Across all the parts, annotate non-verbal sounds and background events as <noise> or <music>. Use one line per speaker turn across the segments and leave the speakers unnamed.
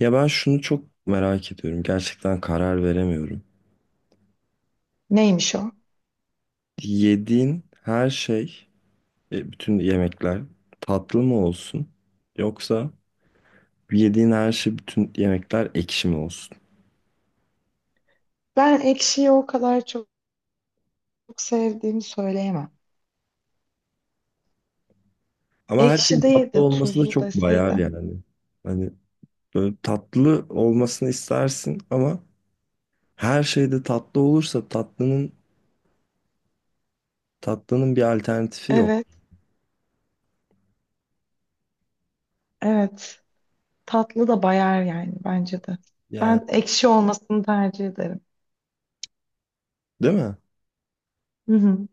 Ya ben şunu çok merak ediyorum. Gerçekten karar veremiyorum.
Neymiş o?
Yediğin her şey, bütün yemekler tatlı mı olsun? Yoksa yediğin her şey, bütün yemekler ekşi mi olsun?
Ben ekşiyi o kadar çok sevdiğimi söyleyemem.
Ama her
Ekşi
şeyin
değil
tatlı
de
olması da
tuzlu
çok bayar
deseydim.
yani. Hani böyle tatlı olmasını istersin ama her şeyde tatlı olursa tatlının bir alternatifi yok.
Evet, evet. Tatlı da bayar yani bence de.
Yani
Ben ekşi olmasını tercih ederim.
değil mi?
Hı hı,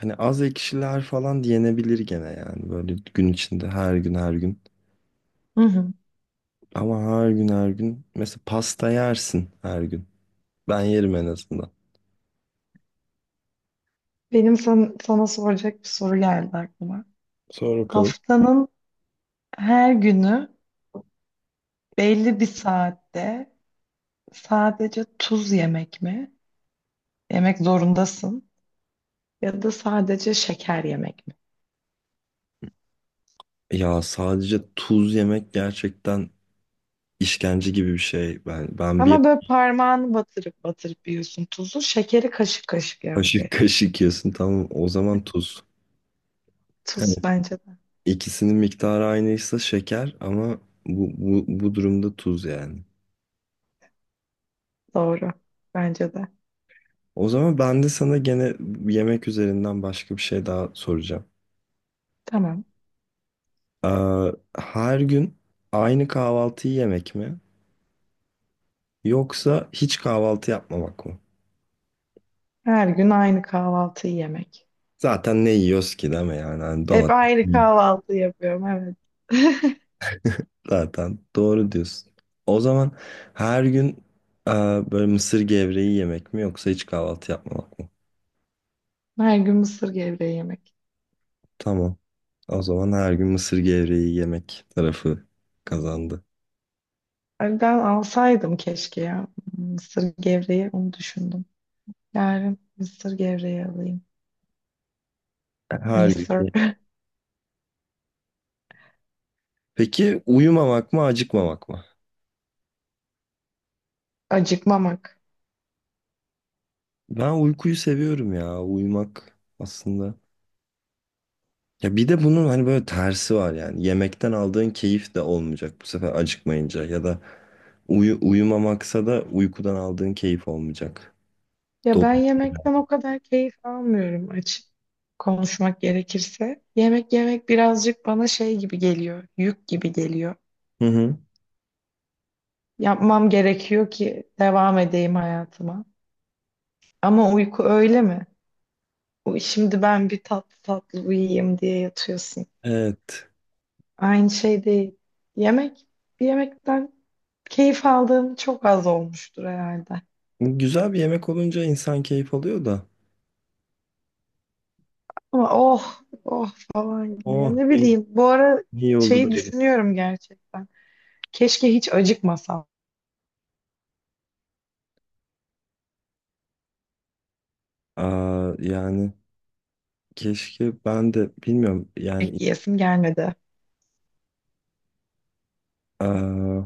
Hani az ekşiler falan yenebilir gene yani böyle gün içinde her gün her gün.
hı hı.
Ama her gün her gün. Mesela pasta yersin her gün. Ben yerim en azından.
Sana soracak bir soru geldi aklıma.
Sor bakalım.
Haftanın her günü belli bir saatte sadece tuz yemek mi? Yemek zorundasın. Ya da sadece şeker yemek mi?
Ya sadece tuz yemek gerçekten işkence gibi bir şey. Ben bir
Ama böyle parmağını batırıp batırıp yiyorsun tuzu. Şekeri kaşık kaşık yemen
kaşık <laughs>
gerek.
kaşık yiyorsun tamam o zaman tuz. Evet.
Tuz bence de.
İkisinin miktarı aynıysa şeker ama bu durumda tuz yani.
Doğru. Bence de.
O zaman ben de sana gene yemek üzerinden başka bir şey daha soracağım.
Tamam.
Ee, Her gün aynı kahvaltıyı yemek mi? Yoksa hiç kahvaltı yapmamak mı?
Her gün aynı kahvaltıyı yemek.
Zaten ne yiyoruz ki değil mi yani? Hani
Hep
domates
aynı kahvaltı yapıyorum evet. <laughs>
zaten doğru diyorsun. O zaman her gün e, böyle mısır gevreği yemek mi yoksa hiç kahvaltı yapmamak mı?
Her gün mısır gevreği yemek.
Tamam. O zaman her gün mısır gevreği yemek tarafı kazandı.
Ay, ben alsaydım keşke ya. Mısır gevreği onu düşündüm. Yarın mısır gevreği alayım.
Her
Mısır.
gün.
<laughs>
Peki uyumamak mı acıkmamak mı?
Acıkmamak.
Ben uykuyu seviyorum ya. Uyumak aslında. Ya bir de bunun hani böyle tersi var yani. Yemekten aldığın keyif de olmayacak bu sefer acıkmayınca ya da uyumamaksa da uykudan aldığın keyif olmayacak.
Ya
Dolu.
ben yemekten o kadar keyif almıyorum açık konuşmak gerekirse. Yemek yemek birazcık bana şey gibi geliyor, yük gibi geliyor.
Hı hı.
Yapmam gerekiyor ki devam edeyim hayatıma. Ama uyku öyle mi? Şimdi ben bir tatlı tatlı uyuyayım diye yatıyorsun.
Evet.
Aynı şey değil. Yemek, yemekten keyif aldığım çok az olmuştur herhalde.
Güzel bir yemek olunca insan keyif alıyor da.
Ama oh, oh falan gibi ya
Oh
ne
ne,
bileyim. Bu ara
iyi oldu da
şeyi
yedim.
düşünüyorum gerçekten. Keşke hiç acıkmasam.
Aa, yani keşke ben de bilmiyorum yani
Yemek yiyesim gelmedi.
aa,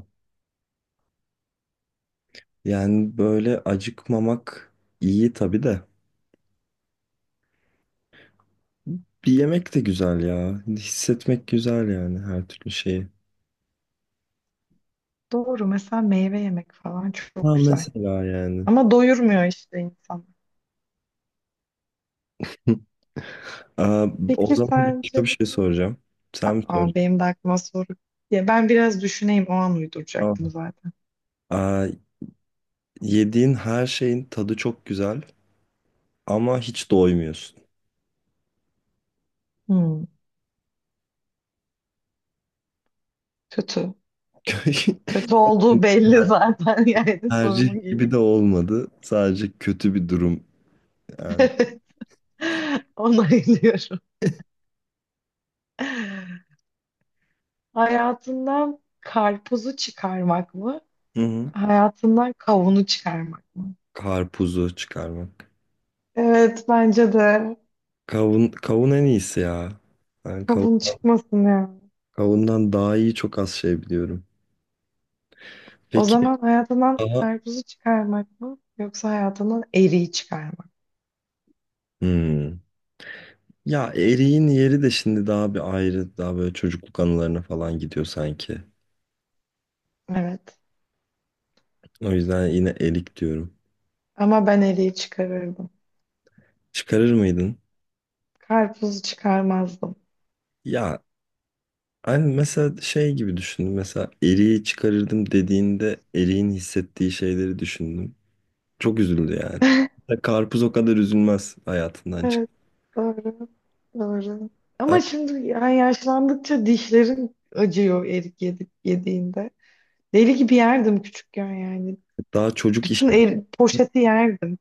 yani böyle acıkmamak iyi tabii de. Bir yemek de güzel ya. Hissetmek güzel yani her türlü şeyi.
Doğru, mesela meyve yemek falan çok
Ha
güzel.
mesela yani.
Ama doyurmuyor işte insan.
<laughs> Aa, o
Peki
zaman başka
sence?
bir şey soracağım. Sen mi
Aa,
soracaksın?
benim de aklıma soru. Ya ben biraz düşüneyim, o an uyduracaktım
Tamam.
zaten.
Aa, yediğin her şeyin tadı çok güzel ama hiç doymuyorsun.
Hmm, kötü.
<laughs>
Kötü olduğu belli zaten, <laughs> yani sorumun
Tercih
ilk.
gibi de olmadı. Sadece kötü bir durum yani.
<laughs> Onaylıyorum. Hayatından karpuzu çıkarmak mı?
Hı hı.
Hayatından kavunu çıkarmak mı?
Karpuzu çıkarmak.
Evet bence de.
Kavun, kavun en iyisi ya. Ben
Kabuğun
kavundan,
çıkmasın ya.
kavundan daha iyi çok az şey biliyorum.
O
Peki
zaman hayatından
daha...
karpuzu çıkarmak mı yoksa hayatından eriği çıkarmak mı?
Hmm. Ya Eri'nin yeri de şimdi daha bir ayrı, daha böyle çocukluk anılarına falan gidiyor sanki.
Evet.
O yüzden yine Erik diyorum.
Ama ben eriği çıkarırdım.
Çıkarır mıydın?
Karpuzu çıkarmazdım.
Ya hani mesela şey gibi düşündüm. Mesela Eri'yi çıkarırdım dediğinde Eri'nin hissettiği şeyleri düşündüm. Çok üzüldü yani.
<laughs>
Ya Karpuz o kadar üzülmez hayatından çık.
Evet. Doğru. Doğru.
Ama
Ama şimdi yani yaşlandıkça dişlerim acıyor erik yedik yediğinde. Deli gibi yerdim küçükken yani.
daha çocuk işi.
Bütün el, poşeti yerdim.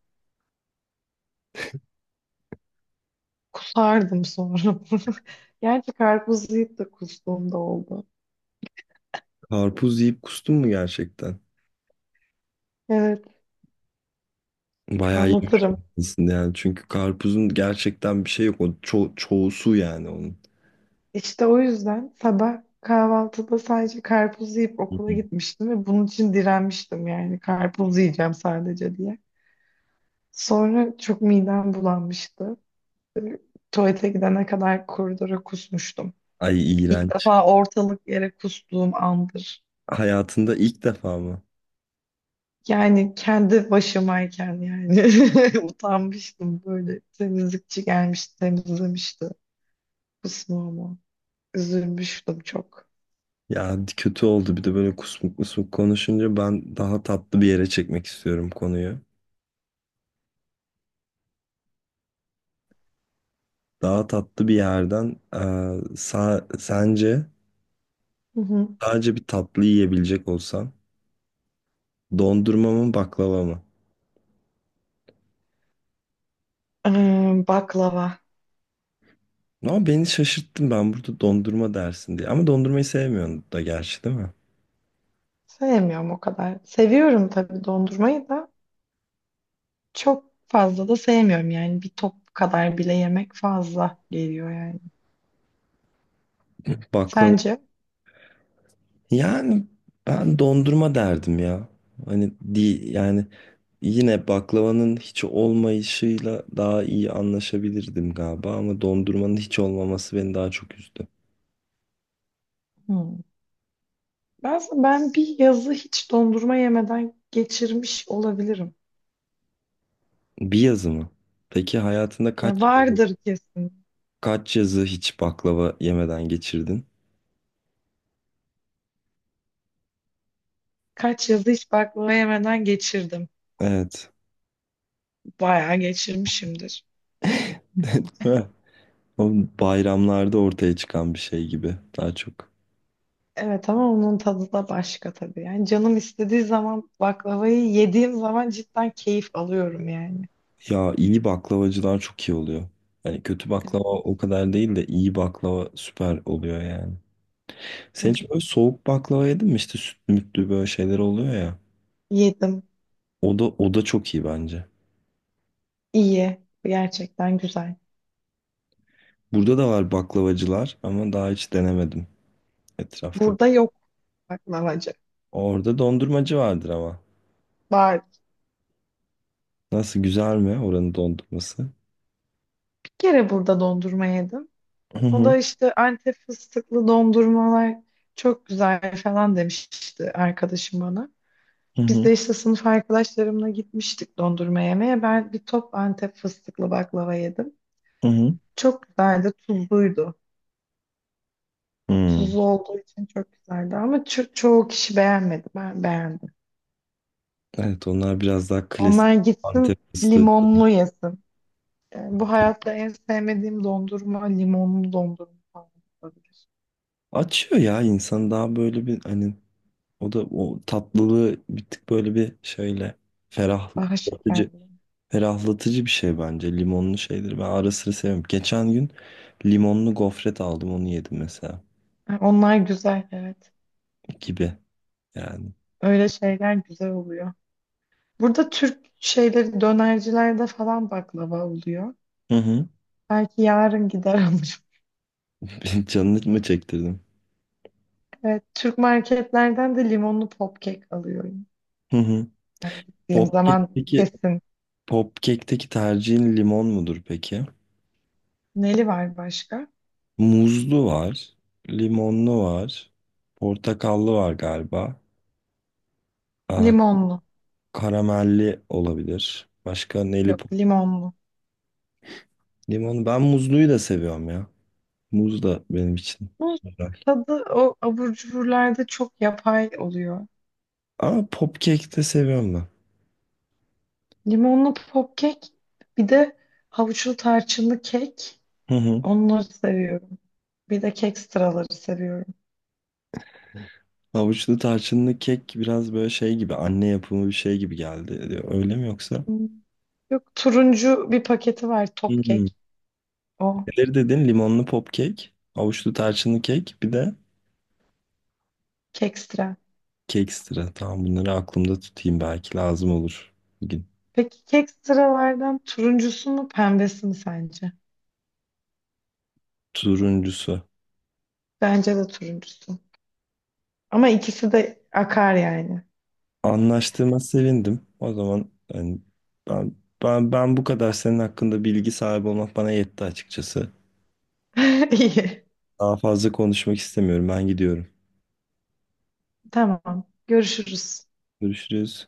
Kusardım sonra. <laughs> Gerçi karpuz yiyip de kustuğum da oldu.
Karpuz yiyip kustun mu gerçekten?
Evet,
Bayağı yemiş
anlatırım.
olmalısın yani. Çünkü karpuzun gerçekten bir şey yok. O çoğu su yani onun.
İşte o yüzden sabah kahvaltıda sadece karpuz yiyip okula gitmiştim ve bunun için direnmiştim yani karpuz yiyeceğim sadece diye. Sonra çok midem bulanmıştı. Ee, Tuvalete gidene kadar koridora kusmuştum.
Ay
İlk
iğrenç.
defa ortalık yere kustuğum andır.
Hayatında ilk defa mı?
Yani kendi başımayken yani <laughs> utanmıştım böyle. Temizlikçi gelmişti, temizlemişti kusmuğumu. Üzülmüştüm çok.
Ya kötü oldu bir de böyle kusmuk kusmuk konuşunca ben daha tatlı bir yere çekmek istiyorum konuyu. Daha tatlı bir yerden sence
Hı hı.
sadece bir tatlı yiyebilecek olsan dondurma mı baklava mı?
Baklava.
Ama beni şaşırttın ben burada dondurma dersin diye. Ama dondurmayı sevmiyorsun da gerçi değil mi?
Sevmiyorum o kadar. Seviyorum tabii dondurmayı da, çok fazla da sevmiyorum yani, bir top kadar bile yemek fazla geliyor yani.
Baklava.
Sence?
Yani ben dondurma derdim ya. Hani, yani yine baklavanın hiç olmayışıyla daha iyi anlaşabilirdim galiba ama dondurmanın hiç olmaması beni daha çok üzdü.
Hmm. Ben bir yazı hiç dondurma yemeden geçirmiş olabilirim.
Bir yazı mı? Peki hayatında
Ya
kaç yazı,
vardır kesin.
kaç yazı hiç baklava yemeden geçirdin?
Kaç yazı hiç baklava yemeden geçirdim.
Evet.
Bayağı geçirmişimdir.
Heh. O bayramlarda ortaya çıkan bir şey gibi daha çok.
Evet ama onun tadı da başka tabii. Yani canım istediği zaman baklavayı yediğim zaman cidden keyif alıyorum yani.
Ya iyi baklavacılar çok iyi oluyor. Yani kötü baklava
Evet,
o kadar değil de iyi baklava süper oluyor yani. Sen hiç
evet.
böyle soğuk baklava yedin mi? İşte sütlü mütlü böyle şeyler oluyor ya.
Yedim.
O da çok iyi bence.
İyi. Gerçekten güzel.
Burada da var baklavacılar ama daha hiç denemedim etrafta.
Burada yok baklavacı.
Orada dondurmacı vardır ama.
Var.
Nasıl güzel mi oranın dondurması?
Bir kere burada dondurma yedim.
Hı
O
hı,
da işte Antep fıstıklı dondurmalar çok güzel falan demişti arkadaşım bana.
hı
Biz
hı,
de işte sınıf arkadaşlarımla gitmiştik dondurma yemeye. Ben bir top Antep fıstıklı baklava yedim.
hı. Hı.
Çok güzeldi, tuzluydu.
Hmm.
Tuzlu olduğu için çok güzeldi ama çoğu kişi beğenmedi. Ben beğendim.
Evet onlar biraz daha klasik
Onlar gitsin
Antep fıstığı.
limonlu yesin. Bu hayatta en sevmediğim dondurma limonlu dondurma falan olabilir.
Açıyor ya insan daha böyle bir hani o da o tatlılığı bir tık böyle bir şöyle
Daha
ferahlatıcı.
şekerli.
Ferahlatıcı bir şey bence. Limonlu şeydir. Ben ara sıra seviyorum. Geçen gün limonlu gofret aldım onu yedim mesela.
Onlar güzel evet.
Gibi yani.
Öyle şeyler güzel oluyor. Burada Türk şeyleri dönercilerde falan baklava oluyor.
Hı hı.
Belki yarın gider alırım. <laughs>
<laughs> Canını mı çektirdim?
Evet, Türk marketlerden de limonlu popkek alıyorum.
Hı hı.
Yani gittiğim zaman
Popcake'teki
kesin.
Popcake'teki tercihin limon mudur peki?
Neli var başka?
Muzlu var. Limonlu var. Portakallı var galiba. Aa,
Limonlu.
karamelli olabilir. Başka neli
Yok
pop?
limonlu.
Limonu. Ben muzluyu da seviyorum ya. Muz da benim için
Bu
güzel.
tadı o abur cuburlarda çok yapay oluyor.
Ama popkek de seviyorum ben.
Limonlu popkek, bir de havuçlu tarçınlı kek.
Hı hı.
Onları seviyorum. Bir de kek sıraları seviyorum.
Havuçlu tarçınlı kek biraz böyle şey gibi anne yapımı bir şey gibi geldi diyor. Öyle mi yoksa?
Hmm. Yok, turuncu bir paketi var top
Hmm.
kek. O
Neleri dedin? Limonlu pop kek, havuçlu tarçınlı kek, bir de
kek sıra.
kekstra. Tamam bunları aklımda tutayım belki lazım olur bir gün.
Peki kek sıralardan turuncusu mu pembesi mi sence?
Turuncusu.
Bence de turuncusu. Ama ikisi de akar yani.
Anlaştığıma sevindim. O zaman hani ben ben bu kadar senin hakkında bilgi sahibi olmak bana yetti açıkçası.
<laughs> İyi.
Daha fazla konuşmak istemiyorum. Ben gidiyorum.
Tamam. Görüşürüz.
Görüşürüz.